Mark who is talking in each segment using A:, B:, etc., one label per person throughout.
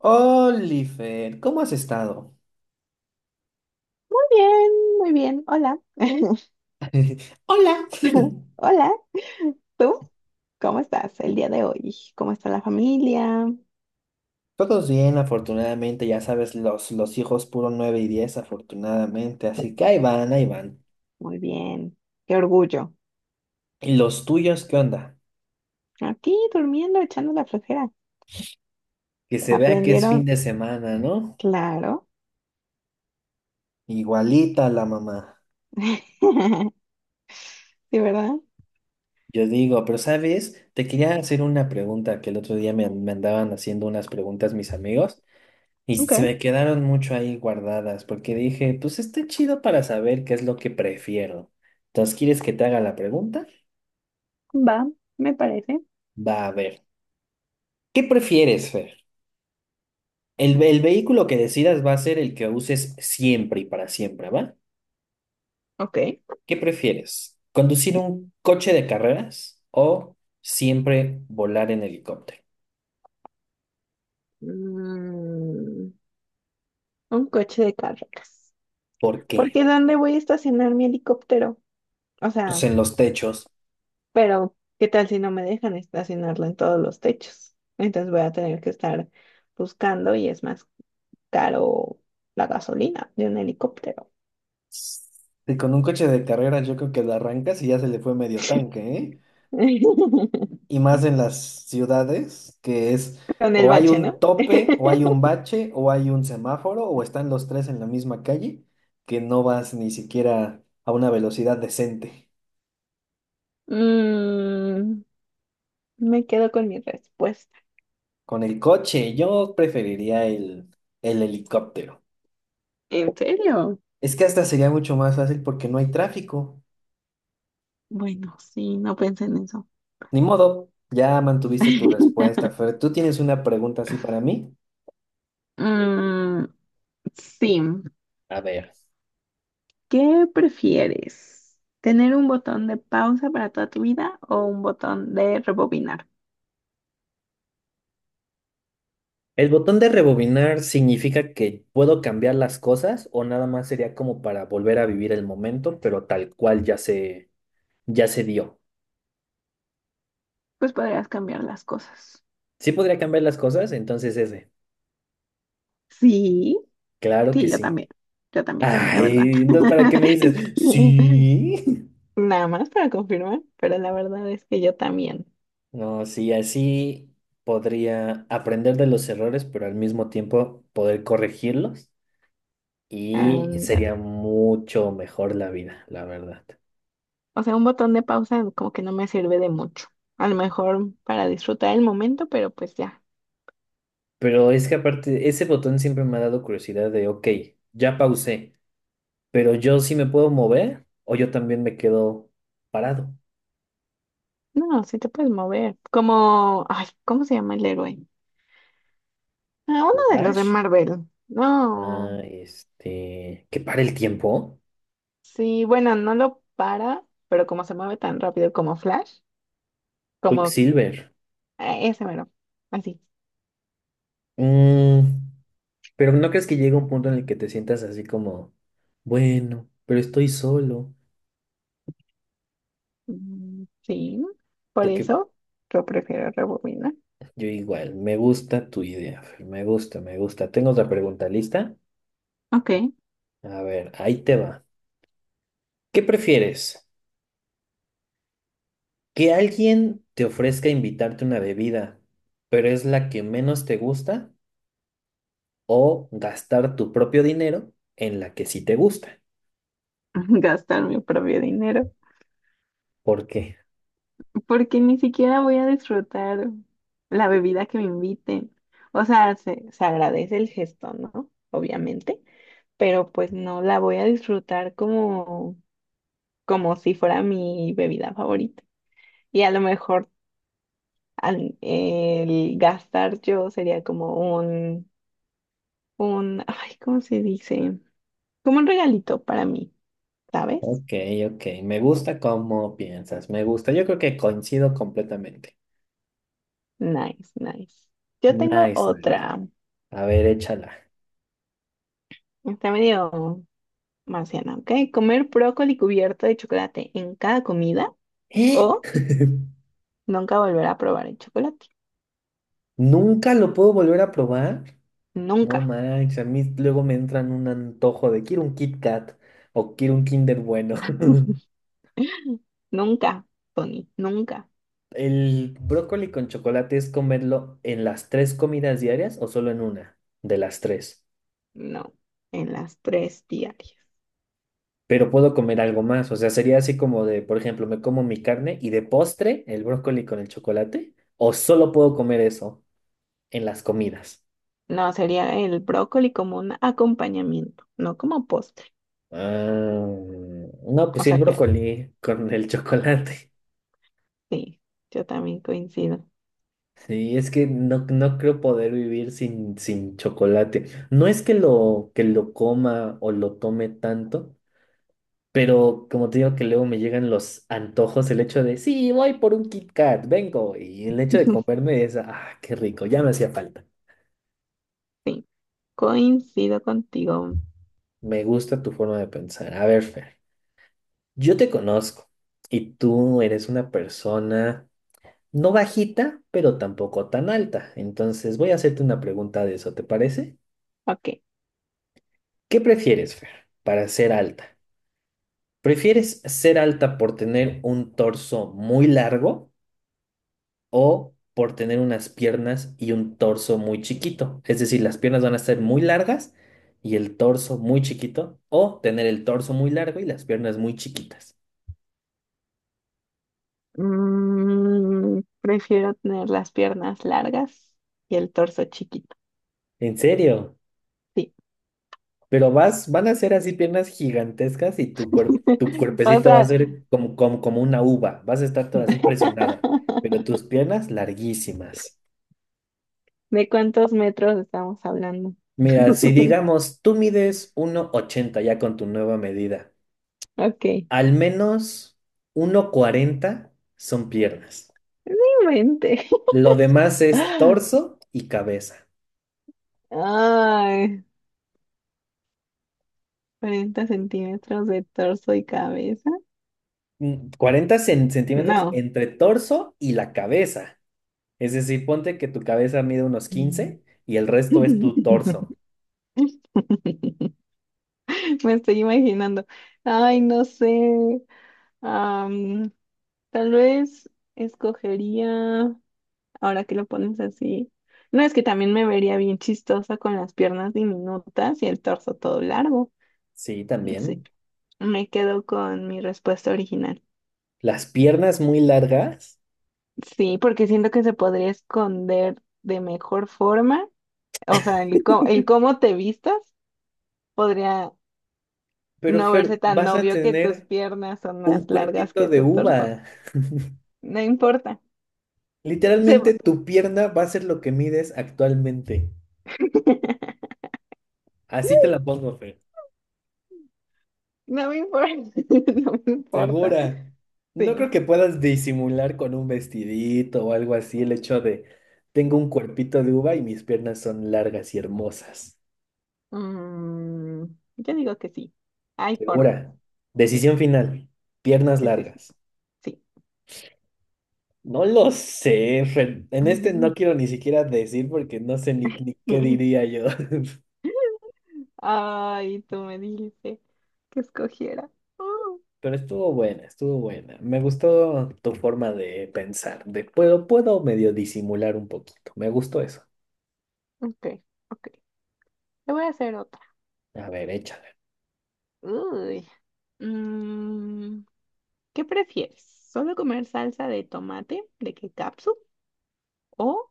A: Oliver, ¿cómo has estado?
B: Muy bien, muy bien. Hola.
A: Hola.
B: Hola. ¿Tú? ¿Cómo estás el día de hoy? ¿Cómo está la familia?
A: Todos bien, afortunadamente, ya sabes, los hijos puro 9 y 10, afortunadamente, así que ahí van, ahí van.
B: Muy bien. Qué orgullo.
A: ¿Y los tuyos qué onda?
B: Aquí durmiendo, echando la flojera.
A: Que se vea que es
B: Aprendieron,
A: fin de semana, ¿no?
B: claro.
A: Igualita la mamá.
B: Sí, ¿verdad?
A: Yo digo, pero ¿sabes? Te quería hacer una pregunta que el otro día me andaban haciendo unas preguntas mis amigos. Y se me
B: Ok,
A: quedaron mucho ahí guardadas porque dije, pues está chido para saber qué es lo que prefiero. Entonces, ¿quieres que te haga la pregunta?
B: va, me parece.
A: Va a ver. ¿Qué prefieres, Fer? El vehículo que decidas va a ser el que uses siempre y para siempre, ¿va?
B: Ok.
A: ¿Qué prefieres? ¿Conducir un coche de carreras o siempre volar en helicóptero?
B: Mm, un coche de carreras.
A: ¿Por qué?
B: Porque, ¿dónde voy a estacionar mi helicóptero? O sea.
A: Pues en los techos.
B: Pero, ¿qué tal si no me dejan estacionarlo en todos los techos? Entonces voy a tener que estar buscando y es más caro la gasolina de un helicóptero.
A: Y con un coche de carreras yo creo que lo arrancas y ya se le fue medio tanque, ¿eh? Y más en las ciudades, que es
B: Con el
A: o hay
B: bache,
A: un
B: ¿no?
A: tope, o hay un bache, o hay un semáforo, o están los tres en la misma calle, que no vas ni siquiera a una velocidad decente.
B: Mm, Me quedo con mi respuesta.
A: Con el coche, yo preferiría el helicóptero.
B: ¿En serio?
A: Es que hasta sería mucho más fácil porque no hay tráfico.
B: Bueno, sí, no pensé en eso.
A: Ni modo, ya mantuviste tu respuesta, Fer. ¿Tú tienes una pregunta así para mí?
B: Mm, sí.
A: A ver.
B: ¿Qué prefieres? ¿Tener un botón de pausa para toda tu vida o un botón de rebobinar?
A: ¿El botón de rebobinar significa que puedo cambiar las cosas o nada más sería como para volver a vivir el momento, pero tal cual ya se dio?
B: Pues podrías cambiar las cosas.
A: ¿Sí podría cambiar las cosas? Entonces ese.
B: Sí,
A: Claro que
B: sí,
A: sí.
B: yo también, la verdad.
A: Ay, entonces ¿para qué me dices? Sí.
B: Nada más para confirmar, pero la verdad es que yo también.
A: No, sí, así podría aprender de los errores, pero al mismo tiempo poder corregirlos y
B: Ándale.
A: sería mucho mejor la vida, la verdad.
B: O sea, un botón de pausa como que no me sirve de mucho. A lo mejor para disfrutar el momento, pero pues ya.
A: Pero es que aparte, ese botón siempre me ha dado curiosidad de, ok, ya pausé, pero yo sí me puedo mover o yo también me quedo parado.
B: No, sí te puedes mover. Como, ay, ¿cómo se llama el héroe? Ah, uno de los de
A: Flash,
B: Marvel. No,
A: ah, este, que para el tiempo,
B: sí, bueno, no lo para, pero como se mueve tan rápido como Flash, como
A: Quicksilver.
B: Ah, ese mero, así.
A: Mm, pero ¿no crees que llega un punto en el que te sientas así como, bueno, pero estoy solo?
B: Mm, sí, por
A: Porque
B: eso yo prefiero rebobinar.
A: yo igual, me gusta tu idea, Fer, me gusta, me gusta. Tengo otra pregunta lista.
B: Ok,
A: A ver, ahí te va. ¿Qué prefieres? Que alguien te ofrezca invitarte una bebida, pero es la que menos te gusta, o gastar tu propio dinero en la que sí te gusta.
B: gastar mi propio dinero,
A: ¿Por qué?
B: porque ni siquiera voy a disfrutar la bebida que me inviten. O sea, se agradece el gesto, ¿no? Obviamente, pero pues no la voy a disfrutar como si fuera mi bebida favorita. Y a lo mejor el gastar yo sería como un, ay, ¿cómo se dice? Como un regalito para mí, ¿sabes?
A: Ok, ok. Me gusta cómo piensas. Me gusta. Yo creo que coincido completamente.
B: Nice, nice. Yo tengo
A: Nice, nice.
B: otra.
A: A ver, échala.
B: Está medio marciana, ¿ok? Comer brócoli cubierto de chocolate en cada comida
A: ¿Eh?
B: o nunca volver a probar el chocolate.
A: ¿Nunca lo puedo volver a probar? No
B: Nunca,
A: manches, a mí luego me entran un antojo de quiero un Kit Kat o quiero un Kinder bueno.
B: nunca, Tony, nunca.
A: ¿El brócoli con chocolate es comerlo en las tres comidas diarias o solo en una de las tres?
B: No, en las tres diarias.
A: Pero puedo comer algo más, o sea, sería así como de, por ejemplo, me como mi carne y de postre el brócoli con el chocolate, o solo puedo comer eso en las comidas.
B: No, sería el brócoli como un acompañamiento, no como postre.
A: Ah, no, pues
B: O
A: sí, el
B: sea que
A: brócoli con el chocolate.
B: sí, yo también coincido.
A: Sí, es que no, no creo poder vivir sin chocolate. No es que lo, coma o lo tome tanto. Pero como te digo que luego me llegan los antojos, el hecho de, sí, voy por un Kit Kat, vengo. Y el hecho de comerme es, ah, qué rico, ya me hacía falta.
B: Sí, coincido contigo.
A: Me gusta tu forma de pensar. A ver, Fer, yo te conozco y tú eres una persona no bajita, pero tampoco tan alta. Entonces voy a hacerte una pregunta de eso, ¿te parece?
B: Ok.
A: ¿Qué prefieres, Fer, para ser alta? ¿Prefieres ser alta por tener un torso muy largo? O por tener unas piernas y un torso muy chiquito. Es decir, las piernas van a ser muy largas y el torso muy chiquito, o tener el torso muy largo y las piernas muy chiquitas.
B: Prefiero tener las piernas largas y el torso chiquito.
A: ¿En serio?
B: Sí.
A: Pero vas, van a ser así piernas gigantescas y tu cuerpo, tu
B: O
A: cuerpecito va a
B: sea,
A: ser como una uva, vas a estar toda así presionada, pero tus piernas larguísimas.
B: ¿de cuántos metros estamos hablando?
A: Mira, si digamos, tú mides 1,80 ya con tu nueva medida.
B: Ok.
A: Al menos 1,40 son piernas.
B: Mente.
A: Lo demás es torso y cabeza.
B: Ay, 40 centímetros de torso y cabeza.
A: 40 centímetros
B: No.
A: entre torso y la cabeza. Es decir, ponte que tu cabeza mide unos
B: Mm.
A: 15 y el resto es tu torso.
B: Me estoy imaginando. Ay, no sé. Tal vez escogería, ahora que lo pones así, no es que también me vería bien chistosa con las piernas diminutas y el torso todo largo.
A: Sí,
B: Sí,
A: también.
B: me quedo con mi respuesta original.
A: Las piernas muy largas,
B: Sí, porque siento que se podría esconder de mejor forma. O sea, el cómo te vistas podría
A: pero
B: no verse
A: Fer,
B: tan
A: vas a
B: obvio que tus
A: tener
B: piernas son más
A: un
B: largas
A: cuerpito
B: que
A: de
B: tu torso.
A: uva.
B: No importa. Se-
A: Literalmente
B: va-
A: tu pierna va a ser lo que mides actualmente. Así te la pongo, Fer.
B: No me importa. No me importa.
A: Segura. No
B: Sí.
A: creo que puedas disimular con un vestidito o algo así el hecho de tengo un cuerpito de uva y mis piernas son largas y hermosas.
B: Mm, yo digo que sí. Hay forma.
A: Segura.
B: Sí,
A: Decisión final. Piernas
B: sí, sí,
A: largas.
B: sí.
A: No lo sé, Fer. En este no quiero ni siquiera decir porque no sé ni qué diría yo.
B: Ay, tú me dijiste que escogiera. Uh,
A: Pero estuvo buena, estuvo buena. Me gustó tu forma de pensar, de puedo medio disimular un poquito. Me gustó eso.
B: ok, ok. Te voy a hacer otra.
A: A ver, échale.
B: Uy. Mm, ¿qué prefieres? ¿Solo comer salsa de tomate de ketchup o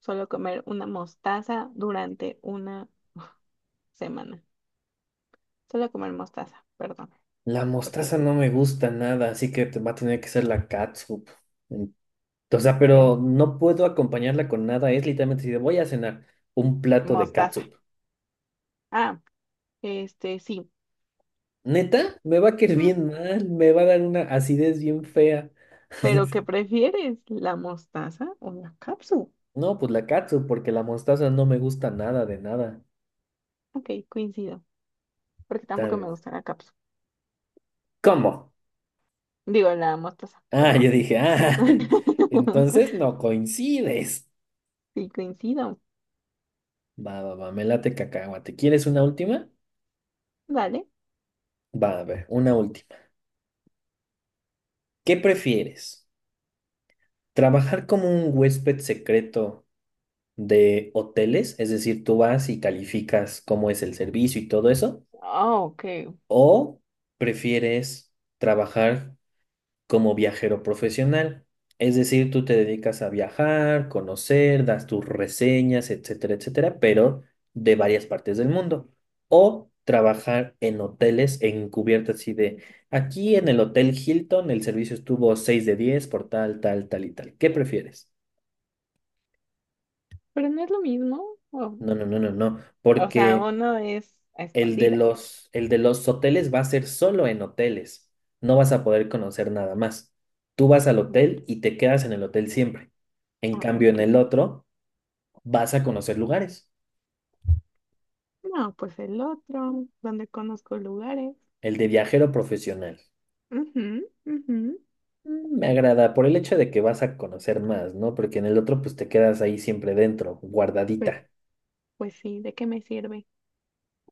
B: solo comer una mostaza durante una semana? Solo comer mostaza, perdón,
A: La
B: porque
A: mostaza no me gusta nada, así que te va a tener que ser la catsup. En- O sea,
B: ven,
A: pero no puedo acompañarla con nada. Es literalmente si voy a cenar un plato de
B: mostaza.
A: catsup.
B: Ah, este, sí.
A: Neta, me va a caer
B: Mm,
A: bien mal, me va a dar una acidez bien fea.
B: ¿Pero qué prefieres? ¿La mostaza o la cápsula?
A: No, pues la catsup, porque la mostaza no me gusta nada de nada.
B: Ok, coincido, porque tampoco
A: Tal
B: me
A: vez.
B: gusta la cápsula.
A: ¿Cómo?
B: Digo, la mostaza,
A: Ah, yo
B: perdón.
A: dije, ah, entonces no coincides.
B: Sí, coincido.
A: Va, va, va, me late cacahuate. ¿Quieres una última?
B: Dale.
A: Va, a ver, una última. ¿Qué prefieres? Trabajar como un huésped secreto de hoteles, es decir, tú vas y calificas cómo es el servicio y todo eso,
B: Oh, ok.
A: o prefieres trabajar como viajero profesional, es decir, tú te dedicas a viajar, conocer, das tus reseñas, etcétera, etcétera, pero de varias partes del mundo, o trabajar en hoteles encubierto así de aquí en el Hotel Hilton el servicio estuvo 6 de 10 por tal, tal, tal y tal. ¿Qué prefieres?
B: Pero no es lo mismo. O,
A: No, no, no, no, no,
B: o sea,
A: porque
B: uno es a
A: el de
B: escondidas.
A: los, el de los hoteles va a ser solo en hoteles. No vas a poder conocer nada más. Tú vas al
B: Mm,
A: hotel y te quedas en el hotel siempre. En
B: ah,
A: cambio, en
B: ok.
A: el otro vas a conocer lugares.
B: No, pues el otro, donde conozco lugares.
A: El de viajero profesional.
B: Ujú, ujú.
A: Me agrada por el hecho de que vas a conocer más, ¿no? Porque en el otro pues te quedas ahí siempre dentro,
B: Pues,
A: guardadita.
B: pues sí, ¿de qué me sirve?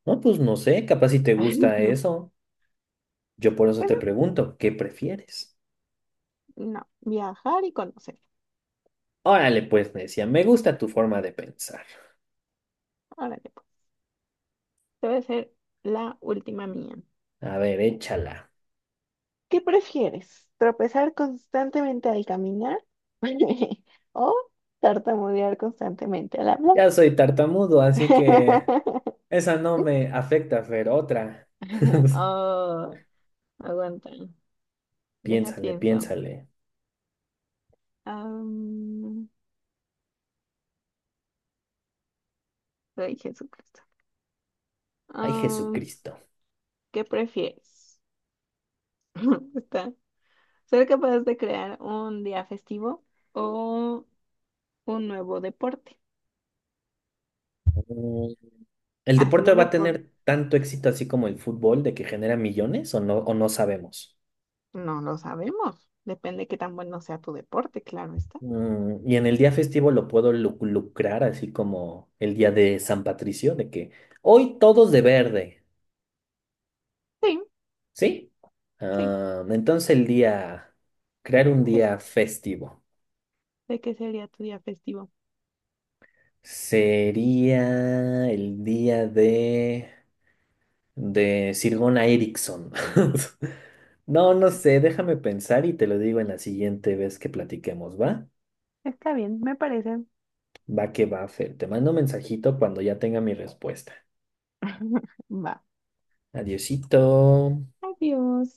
A: No, pues no sé, capaz si te gusta eso. Yo por eso te
B: Pero
A: pregunto, ¿qué prefieres?
B: no, viajar y conocer.
A: Órale, pues, me decía, me gusta tu forma de pensar.
B: Órale. Debe ser la última mía.
A: A ver, échala.
B: ¿Qué prefieres? ¿Tropezar constantemente al caminar o tartamudear constantemente al hablar?
A: Ya soy tartamudo, así que esa no me afecta, Fer, otra.
B: Oh, aguanta. Deja,
A: Piénsale,
B: pienso.
A: piénsale.
B: Am, ay, Jesucristo.
A: Ay,
B: Am,
A: Jesucristo.
B: ¿qué prefieres? Está. ¿Ser capaz de crear un día festivo o un nuevo deporte?
A: Mm, ¿El
B: Así
A: deporte
B: un
A: va a
B: deporte.
A: tener tanto éxito así como el fútbol de que genera millones o no sabemos?
B: No lo sabemos. Depende de qué tan bueno sea tu deporte, claro está.
A: ¿Y en el día festivo lo puedo lucrar así como el día de San Patricio, de que hoy todos de verde,
B: Sí,
A: ¿sí?
B: sí.
A: Ah, entonces el día, crear un
B: Es
A: día festivo.
B: de qué sería tu día festivo.
A: Sería el día de Sir Gunnar Eriksson. No, no sé, déjame pensar y te lo digo en la siguiente vez que platiquemos, ¿va?
B: Está bien, me parece.
A: Va que va, Fer. Te mando un mensajito cuando ya tenga mi respuesta.
B: Va.
A: Adiosito.
B: Adiós.